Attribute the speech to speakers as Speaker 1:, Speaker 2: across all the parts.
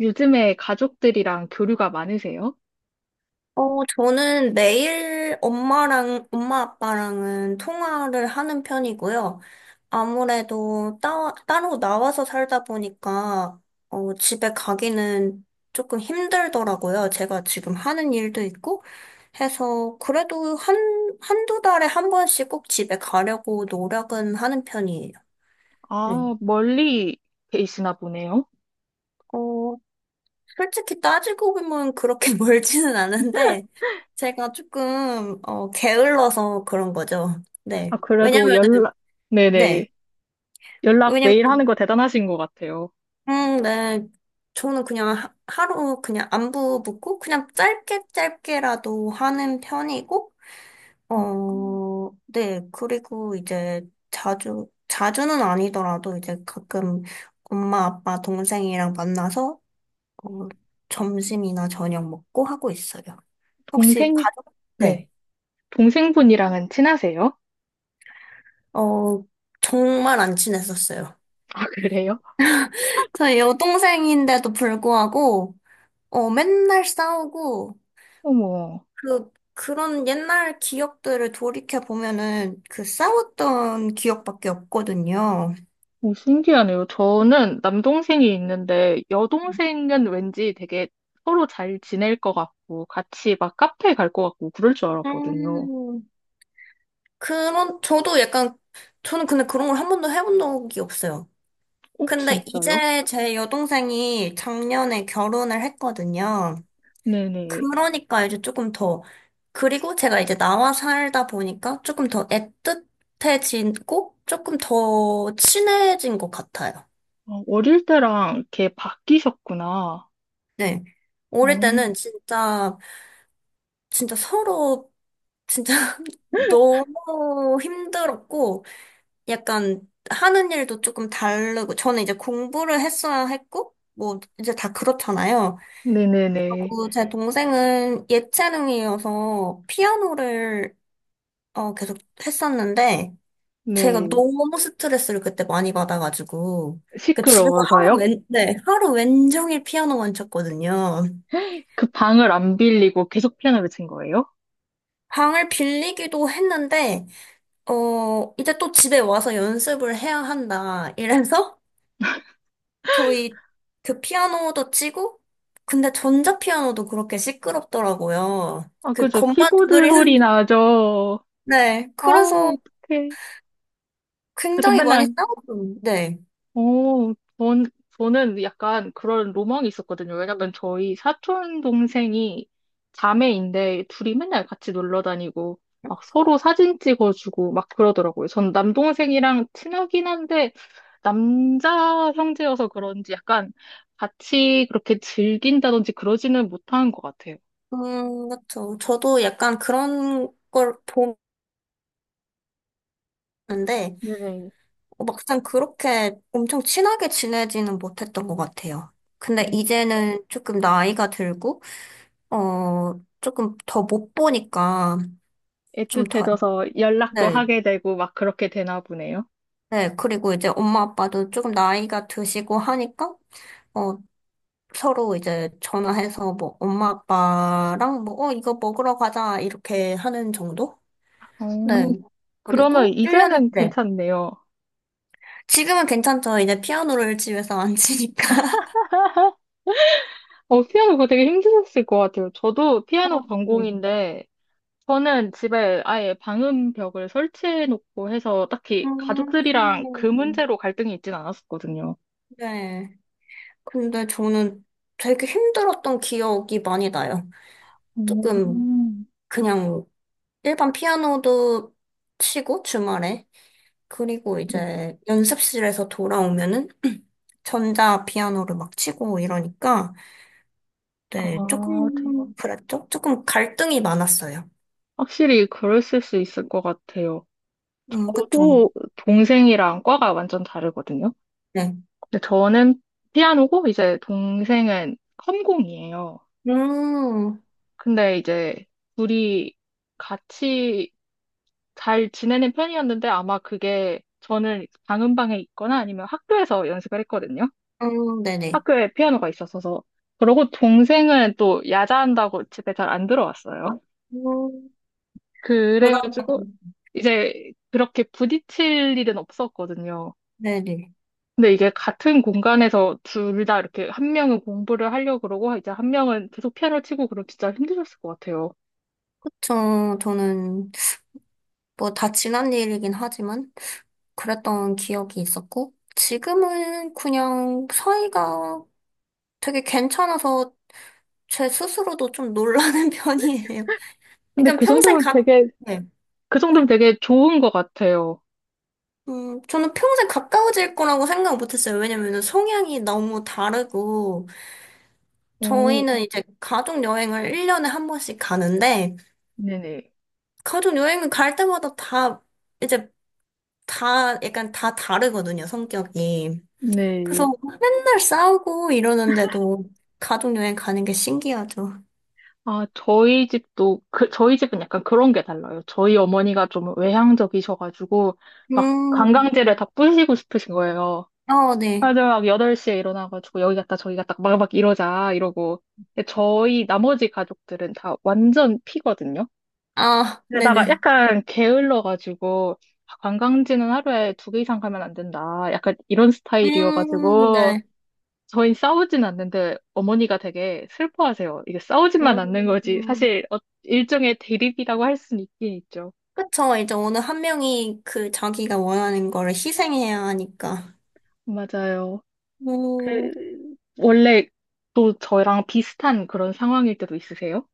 Speaker 1: 요즘에 가족들이랑 교류가 많으세요?
Speaker 2: 저는 매일 엄마 아빠랑은 통화를 하는 편이고요. 아무래도 따로 나와서 살다 보니까, 집에 가기는 조금 힘들더라고요. 제가 지금 하는 일도 있고 해서, 그래도 한두 달에 한 번씩 꼭 집에 가려고 노력은 하는 편이에요. 네.
Speaker 1: 아, 멀리 계시나 보네요.
Speaker 2: 솔직히 따지고 보면 그렇게 멀지는 않은데, 제가 조금, 게을러서 그런 거죠.
Speaker 1: 아,
Speaker 2: 네.
Speaker 1: 그래도
Speaker 2: 왜냐면은,
Speaker 1: 연락,
Speaker 2: 네.
Speaker 1: 네네. 연락
Speaker 2: 왜냐면,
Speaker 1: 매일 하는 거 대단하신 것 같아요.
Speaker 2: 네. 저는 그냥 하루 그냥 안부 묻고, 그냥 짧게 짧게라도 하는 편이고,
Speaker 1: 음,
Speaker 2: 어, 네. 그리고 이제 자주는 아니더라도 이제 가끔 엄마, 아빠, 동생이랑 만나서 어, 점심이나 저녁 먹고 하고 있어요. 혹시
Speaker 1: 동생,
Speaker 2: 가족?
Speaker 1: 네.
Speaker 2: 네.
Speaker 1: 동생분이랑은 친하세요?
Speaker 2: 어, 정말 안 친했었어요.
Speaker 1: 아, 그래요?
Speaker 2: 저희 여동생인데도 불구하고, 맨날 싸우고,
Speaker 1: 어머.
Speaker 2: 그런 옛날 기억들을 돌이켜 보면은 그 싸웠던 기억밖에 없거든요.
Speaker 1: 오, 신기하네요. 저는 남동생이 있는데 여동생은 왠지 되게 서로 잘 지낼 것 같고 같이 막 카페 갈 것 같고 그럴 줄 알았거든요.
Speaker 2: 음, 그런, 저도 약간, 저는 근데 그런 걸 한 번도 해본 적이 없어요.
Speaker 1: 오,
Speaker 2: 근데
Speaker 1: 진짜요?
Speaker 2: 이제 제 여동생이 작년에 결혼을 했거든요.
Speaker 1: 네네.
Speaker 2: 그러니까 이제 조금 더, 그리고 제가 이제 나와 살다 보니까 조금 더 애틋해지고 조금 더 친해진 것 같아요.
Speaker 1: 어, 어릴 때랑 이렇게 바뀌셨구나.
Speaker 2: 네. 어릴
Speaker 1: 어,
Speaker 2: 때는 진짜, 진짜 서로, 진짜 너무 힘들었고, 약간 하는 일도 조금 다르고, 저는 이제 공부를 했어야 했고, 뭐, 이제 다 그렇잖아요.
Speaker 1: 네네네.
Speaker 2: 그리고 제 동생은 예체능이어서 피아노를 계속 했었는데, 제가
Speaker 1: 네.
Speaker 2: 너무 스트레스를 그때 많이 받아가지고, 그 집에서
Speaker 1: 시끄러워서요?
Speaker 2: 네, 하루 웬종일 피아노만 쳤거든요.
Speaker 1: 그 방을 안 빌리고 계속 피아노를 친 거예요?
Speaker 2: 방을 빌리기도 했는데, 이제 또 집에 와서 연습을 해야 한다. 이래서 저희 그 피아노도 치고, 근데 전자피아노도 그렇게 시끄럽더라고요.
Speaker 1: 아,
Speaker 2: 그
Speaker 1: 그죠.
Speaker 2: 건반
Speaker 1: 키보드
Speaker 2: 두드리는,
Speaker 1: 소리 나죠.
Speaker 2: 네.
Speaker 1: 아,
Speaker 2: 그래서
Speaker 1: 어떡해. 그래서
Speaker 2: 굉장히 많이
Speaker 1: 맨날
Speaker 2: 싸웠어요. 네.
Speaker 1: 어, 전, 저는 약간 그런 로망이 있었거든요. 왜냐면 저희 사촌 동생이 자매인데 둘이 맨날 같이 놀러 다니고 막 서로 사진 찍어주고 막 그러더라고요. 전 남동생이랑 친하긴 한데 남자 형제여서 그런지 약간 같이 그렇게 즐긴다든지 그러지는 못한 것 같아요.
Speaker 2: 그렇죠. 저도 약간 그런 걸 보는데,
Speaker 1: 네네.
Speaker 2: 막상 그렇게 엄청 친하게 지내지는 못했던 것 같아요. 근데
Speaker 1: 음,
Speaker 2: 이제는 조금 나이가 들고, 조금 더 못 보니까 좀 더,
Speaker 1: 애틋해져서 연락도
Speaker 2: 네,
Speaker 1: 하게 되고 막 그렇게 되나 보네요.
Speaker 2: 네. 그리고 이제 엄마 아빠도 조금 나이가 드시고 하니까, 어, 서로 이제 전화해서 뭐 엄마 아빠랑 뭐, 이거 먹으러 가자, 이렇게 하는 정도?
Speaker 1: 어,
Speaker 2: 네.
Speaker 1: 그러면
Speaker 2: 그리고 일 년에
Speaker 1: 이제는
Speaker 2: 네.
Speaker 1: 괜찮네요.
Speaker 2: 지금은 괜찮죠. 이제 피아노를 집에서 안 치니까.
Speaker 1: 어, 피아노 그거 되게 힘드셨을 것 같아요. 저도 피아노
Speaker 2: 어, 네.
Speaker 1: 전공인데, 저는 집에 아예 방음벽을 설치해 놓고 해서 딱히 가족들이랑 그
Speaker 2: 음,
Speaker 1: 문제로 갈등이 있진 않았었거든요.
Speaker 2: 네. 근데 저는 되게 힘들었던 기억이 많이 나요. 조금
Speaker 1: 음,
Speaker 2: 그냥 일반 피아노도 치고 주말에 그리고
Speaker 1: 네.
Speaker 2: 이제 연습실에서 돌아오면은 전자 피아노를 막 치고 이러니까 네,
Speaker 1: 아,
Speaker 2: 조금 그랬죠? 조금 갈등이 많았어요.
Speaker 1: 확실히 그랬을 수 있을 것 같아요.
Speaker 2: 그쵸.
Speaker 1: 저도 동생이랑 과가 완전 다르거든요.
Speaker 2: 네.
Speaker 1: 근데 저는 피아노고 이제 동생은 컴공이에요.
Speaker 2: 음,
Speaker 1: 근데 이제 둘이 같이 잘 지내는 편이었는데 아마 그게 저는 방음방에 있거나 아니면 학교에서 연습을 했거든요.
Speaker 2: 네네.
Speaker 1: 학교에 피아노가 있었어서. 그러고 동생은 또 야자한다고 집에 잘 안 들어왔어요.
Speaker 2: 음, 그러면,
Speaker 1: 그래가지고 이제 그렇게 부딪힐 일은 없었거든요.
Speaker 2: 네네.
Speaker 1: 근데 이게 같은 공간에서 둘 다 이렇게 한 명은 공부를 하려고 그러고 이제 한 명은 계속 피아노 치고 그럼 진짜 힘드셨을 것 같아요.
Speaker 2: 그쵸. 저는 뭐 다 지난 일이긴 하지만 그랬던 기억이 있었고, 지금은 그냥 사이가 되게 괜찮아서 제 스스로도 좀 놀라는 편이에요.
Speaker 1: 근데
Speaker 2: 그러니까
Speaker 1: 그
Speaker 2: 평생
Speaker 1: 정도면
Speaker 2: 가,
Speaker 1: 되게,
Speaker 2: 네.
Speaker 1: 그 정도면 되게 좋은 것 같아요.
Speaker 2: 저는 평생 가까워질 거라고 생각 못 했어요. 왜냐면은 성향이 너무 다르고,
Speaker 1: 오,
Speaker 2: 저희는 이제 가족 여행을 1년에 한 번씩 가는데,
Speaker 1: 네네.
Speaker 2: 가족 여행을 갈 때마다 다, 이제 다, 약간 다 다르거든요, 성격이. 그래서
Speaker 1: 네.
Speaker 2: 맨날 싸우고 이러는데도 가족여행 가는 게 신기하죠.
Speaker 1: 아, 저희 집은 약간 그런 게 달라요. 저희 어머니가 좀 외향적이셔가지고, 막
Speaker 2: 음,
Speaker 1: 관광지를 다 뿌시고 싶으신 거예요.
Speaker 2: 어, 네.
Speaker 1: 다들 막 8시에 일어나가지고, 여기 갔다 저기 갔다 막 막 이러자, 이러고. 근데 저희 나머지 가족들은 다 완전 피거든요.
Speaker 2: 아,
Speaker 1: 게다가
Speaker 2: 네네.
Speaker 1: 약간 게을러가지고, 아, 관광지는 하루에 두 개 이상 가면 안 된다. 약간 이런 스타일이어가지고,
Speaker 2: 네.
Speaker 1: 저희 싸우진 않는데 어머니가 되게 슬퍼하세요. 이게 싸우지만 않는 거지.
Speaker 2: 음,
Speaker 1: 사실 일종의 대립이라고 할 수는 있긴 있죠.
Speaker 2: 그쵸. 이제 어느 한 명이 그 자기가 원하는 거를 희생해야 하니까.
Speaker 1: 맞아요.
Speaker 2: 음,
Speaker 1: 원래 또 저랑 비슷한 그런 상황일 때도 있으세요?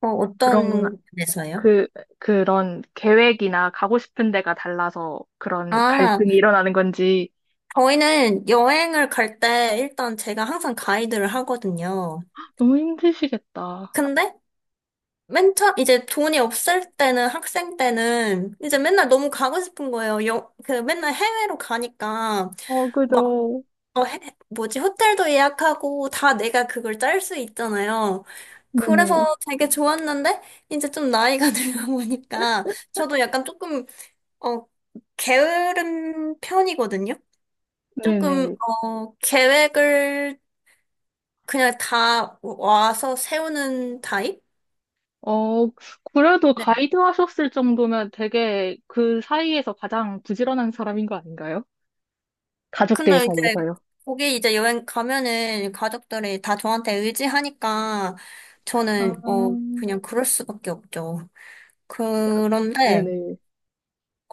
Speaker 1: 그런 건,
Speaker 2: 어떤 데서요?
Speaker 1: 그, 그런 계획이나 가고 싶은 데가 달라서 그런
Speaker 2: 아,
Speaker 1: 갈등이 일어나는 건지
Speaker 2: 저희는 여행을 갈 때 일단 제가 항상 가이드를 하거든요.
Speaker 1: 너무 힘드시겠다.
Speaker 2: 근데 맨 처음, 이제 돈이 없을 때는, 학생 때는, 이제 맨날 너무 가고 싶은 거예요. 여, 그, 맨날 해외로 가니까,
Speaker 1: 어,
Speaker 2: 막,
Speaker 1: 그죠.
Speaker 2: 어, 해, 뭐지, 호텔도 예약하고, 다 내가 그걸 짤 수 있잖아요.
Speaker 1: 네네.
Speaker 2: 그래서 되게 좋았는데, 이제 좀 나이가 들다 보니까, 저도 약간 조금, 어, 게으른 편이거든요? 조금,
Speaker 1: 네네.
Speaker 2: 계획을 그냥 다 와서 세우는 타입?
Speaker 1: 어, 그래도 가이드 하셨을 정도면 되게 그 사이에서 가장 부지런한 사람인 거 아닌가요? 가족들
Speaker 2: 근데 이제
Speaker 1: 사이에서요.
Speaker 2: 거기 이제 여행 가면은 가족들이 다 저한테 의지하니까
Speaker 1: 아,
Speaker 2: 저는
Speaker 1: 야,
Speaker 2: 그냥 그럴 수밖에 없죠. 그런데
Speaker 1: 네네.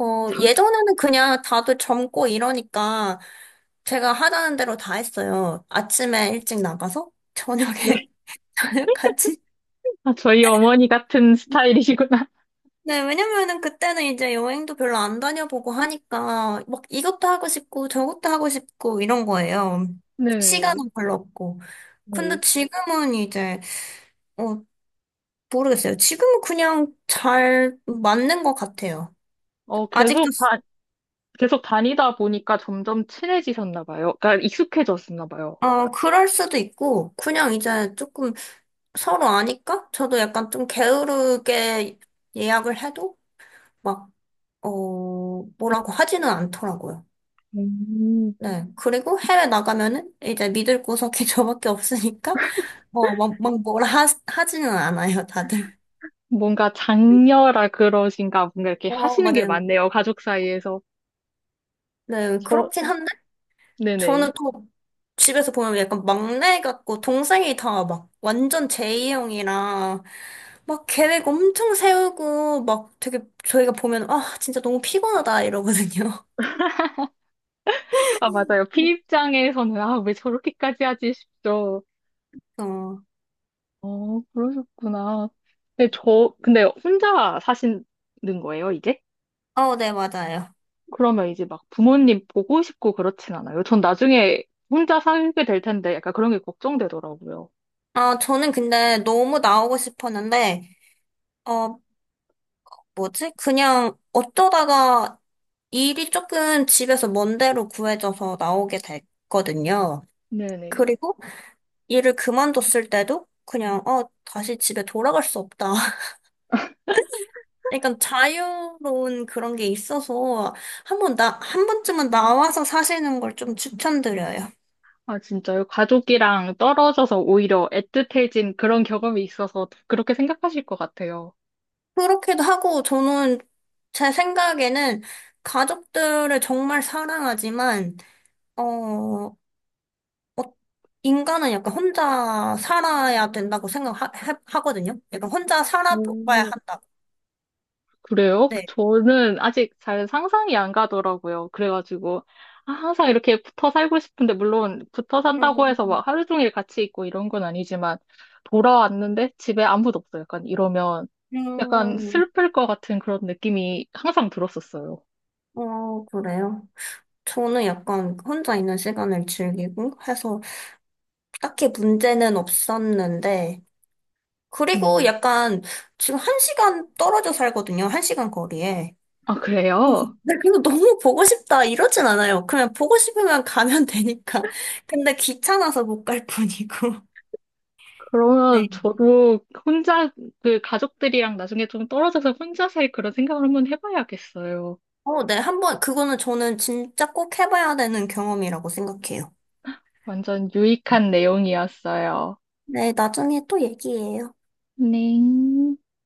Speaker 1: 장,
Speaker 2: 예전에는 그냥 다들 젊고 이러니까 제가 하자는 대로 다 했어요. 아침에 일찍 나가서
Speaker 1: 네.
Speaker 2: 저녁에 저녁까지.
Speaker 1: 아, 저희 어머니 같은 스타일이시구나.
Speaker 2: 네, 왜냐면은 그때는 이제 여행도 별로 안 다녀보고 하니까 막 이것도 하고 싶고 저것도 하고 싶고 이런 거예요.
Speaker 1: 네.
Speaker 2: 시간은 별로 없고. 근데
Speaker 1: 네.
Speaker 2: 지금은 이제, 어, 모르겠어요. 지금은 그냥 잘 맞는 것 같아요.
Speaker 1: 어,
Speaker 2: 아직도,
Speaker 1: 계속 다, 계속 다니다 보니까 점점 친해지셨나 봐요. 그러니까 익숙해졌나 봐요.
Speaker 2: 그럴 수도 있고, 그냥 이제 조금 서로 아니까? 저도 약간 좀 게으르게 예약을 해도 막, 어, 뭐라고 하지는 않더라고요.
Speaker 1: 음.
Speaker 2: 네. 그리고 해외 나가면은 이제 믿을 구석이 저밖에 없으니까, 막, 막 뭐라 하지는 않아요, 다들.
Speaker 1: 뭔가 장녀라 그러신가, 뭔가 이렇게 하시는 게
Speaker 2: 맞아요.
Speaker 1: 많네요, 가족 사이에서.
Speaker 2: 네,
Speaker 1: 저,
Speaker 2: 그렇긴 한데,
Speaker 1: 네네.
Speaker 2: 저는 또 집에서 보면 약간 막내 같고 동생이 다 막 완전 제이형이라 막 계획 엄청 세우고 막 되게 저희가 보면 아 진짜 너무 피곤하다 이러거든요.
Speaker 1: 아, 맞아요. 피 입장에서는, 아, 왜 저렇게까지 하지 싶죠.
Speaker 2: 어,
Speaker 1: 어, 그러셨구나. 근데 혼자 사시는 거예요, 이제?
Speaker 2: 어, 네, 맞아요.
Speaker 1: 그러면 이제 막 부모님 보고 싶고 그렇진 않아요. 전 나중에 혼자 살게 될 텐데 약간 그런 게 걱정되더라고요.
Speaker 2: 아, 저는 근데 너무 나오고 싶었는데, 어, 뭐지? 그냥 어쩌다가 일이 조금 집에서 먼 데로 구해져서 나오게 됐거든요.
Speaker 1: 네네.
Speaker 2: 그리고 일을 그만뒀을 때도 그냥, 다시 집에 돌아갈 수 없다. 약간 자유로운 그런 게 있어서 한 번쯤은 나와서 사시는 걸 좀 추천드려요.
Speaker 1: 아, 진짜요? 가족이랑 떨어져서 오히려 애틋해진 그런 경험이 있어서 그렇게 생각하실 것 같아요.
Speaker 2: 그렇게도 하고 저는 제 생각에는 가족들을 정말 사랑하지만, 어, 어, 인간은 약간 혼자 살아야 된다고 생각하거든요. 약간 혼자 살아봐야
Speaker 1: 오.
Speaker 2: 한다고.
Speaker 1: 그래요?
Speaker 2: 네.
Speaker 1: 저는 아직 잘 상상이 안 가더라고요. 그래가지고, 아, 항상 이렇게 붙어 살고 싶은데, 물론 붙어 산다고 해서
Speaker 2: 음,
Speaker 1: 막 하루 종일 같이 있고 이런 건 아니지만, 돌아왔는데 집에 아무도 없어요. 약간 이러면 약간
Speaker 2: 음,
Speaker 1: 슬플 것 같은 그런 느낌이 항상 들었었어요.
Speaker 2: 그래요. 저는 약간 혼자 있는 시간을 즐기고 해서 딱히 문제는 없었는데, 그리고
Speaker 1: 음.
Speaker 2: 약간 지금 1시간 떨어져 살거든요. 1시간 거리에.
Speaker 1: 아,
Speaker 2: 그래서
Speaker 1: 그래요?
Speaker 2: 근데 그거 너무 보고 싶다 이러진 않아요. 그냥 보고 싶으면 가면 되니까. 근데 귀찮아서 못 갈 뿐이고.
Speaker 1: 그러면
Speaker 2: 네.
Speaker 1: 저도 혼자, 그 가족들이랑 나중에 좀 떨어져서 혼자 살 그런 생각을 한번 해봐야겠어요.
Speaker 2: 어, 네. 한번 그거는 저는 진짜 꼭 해봐야 되는 경험이라고 생각해요.
Speaker 1: 완전 유익한 내용이었어요.
Speaker 2: 네, 나중에 또 얘기해요.
Speaker 1: 네.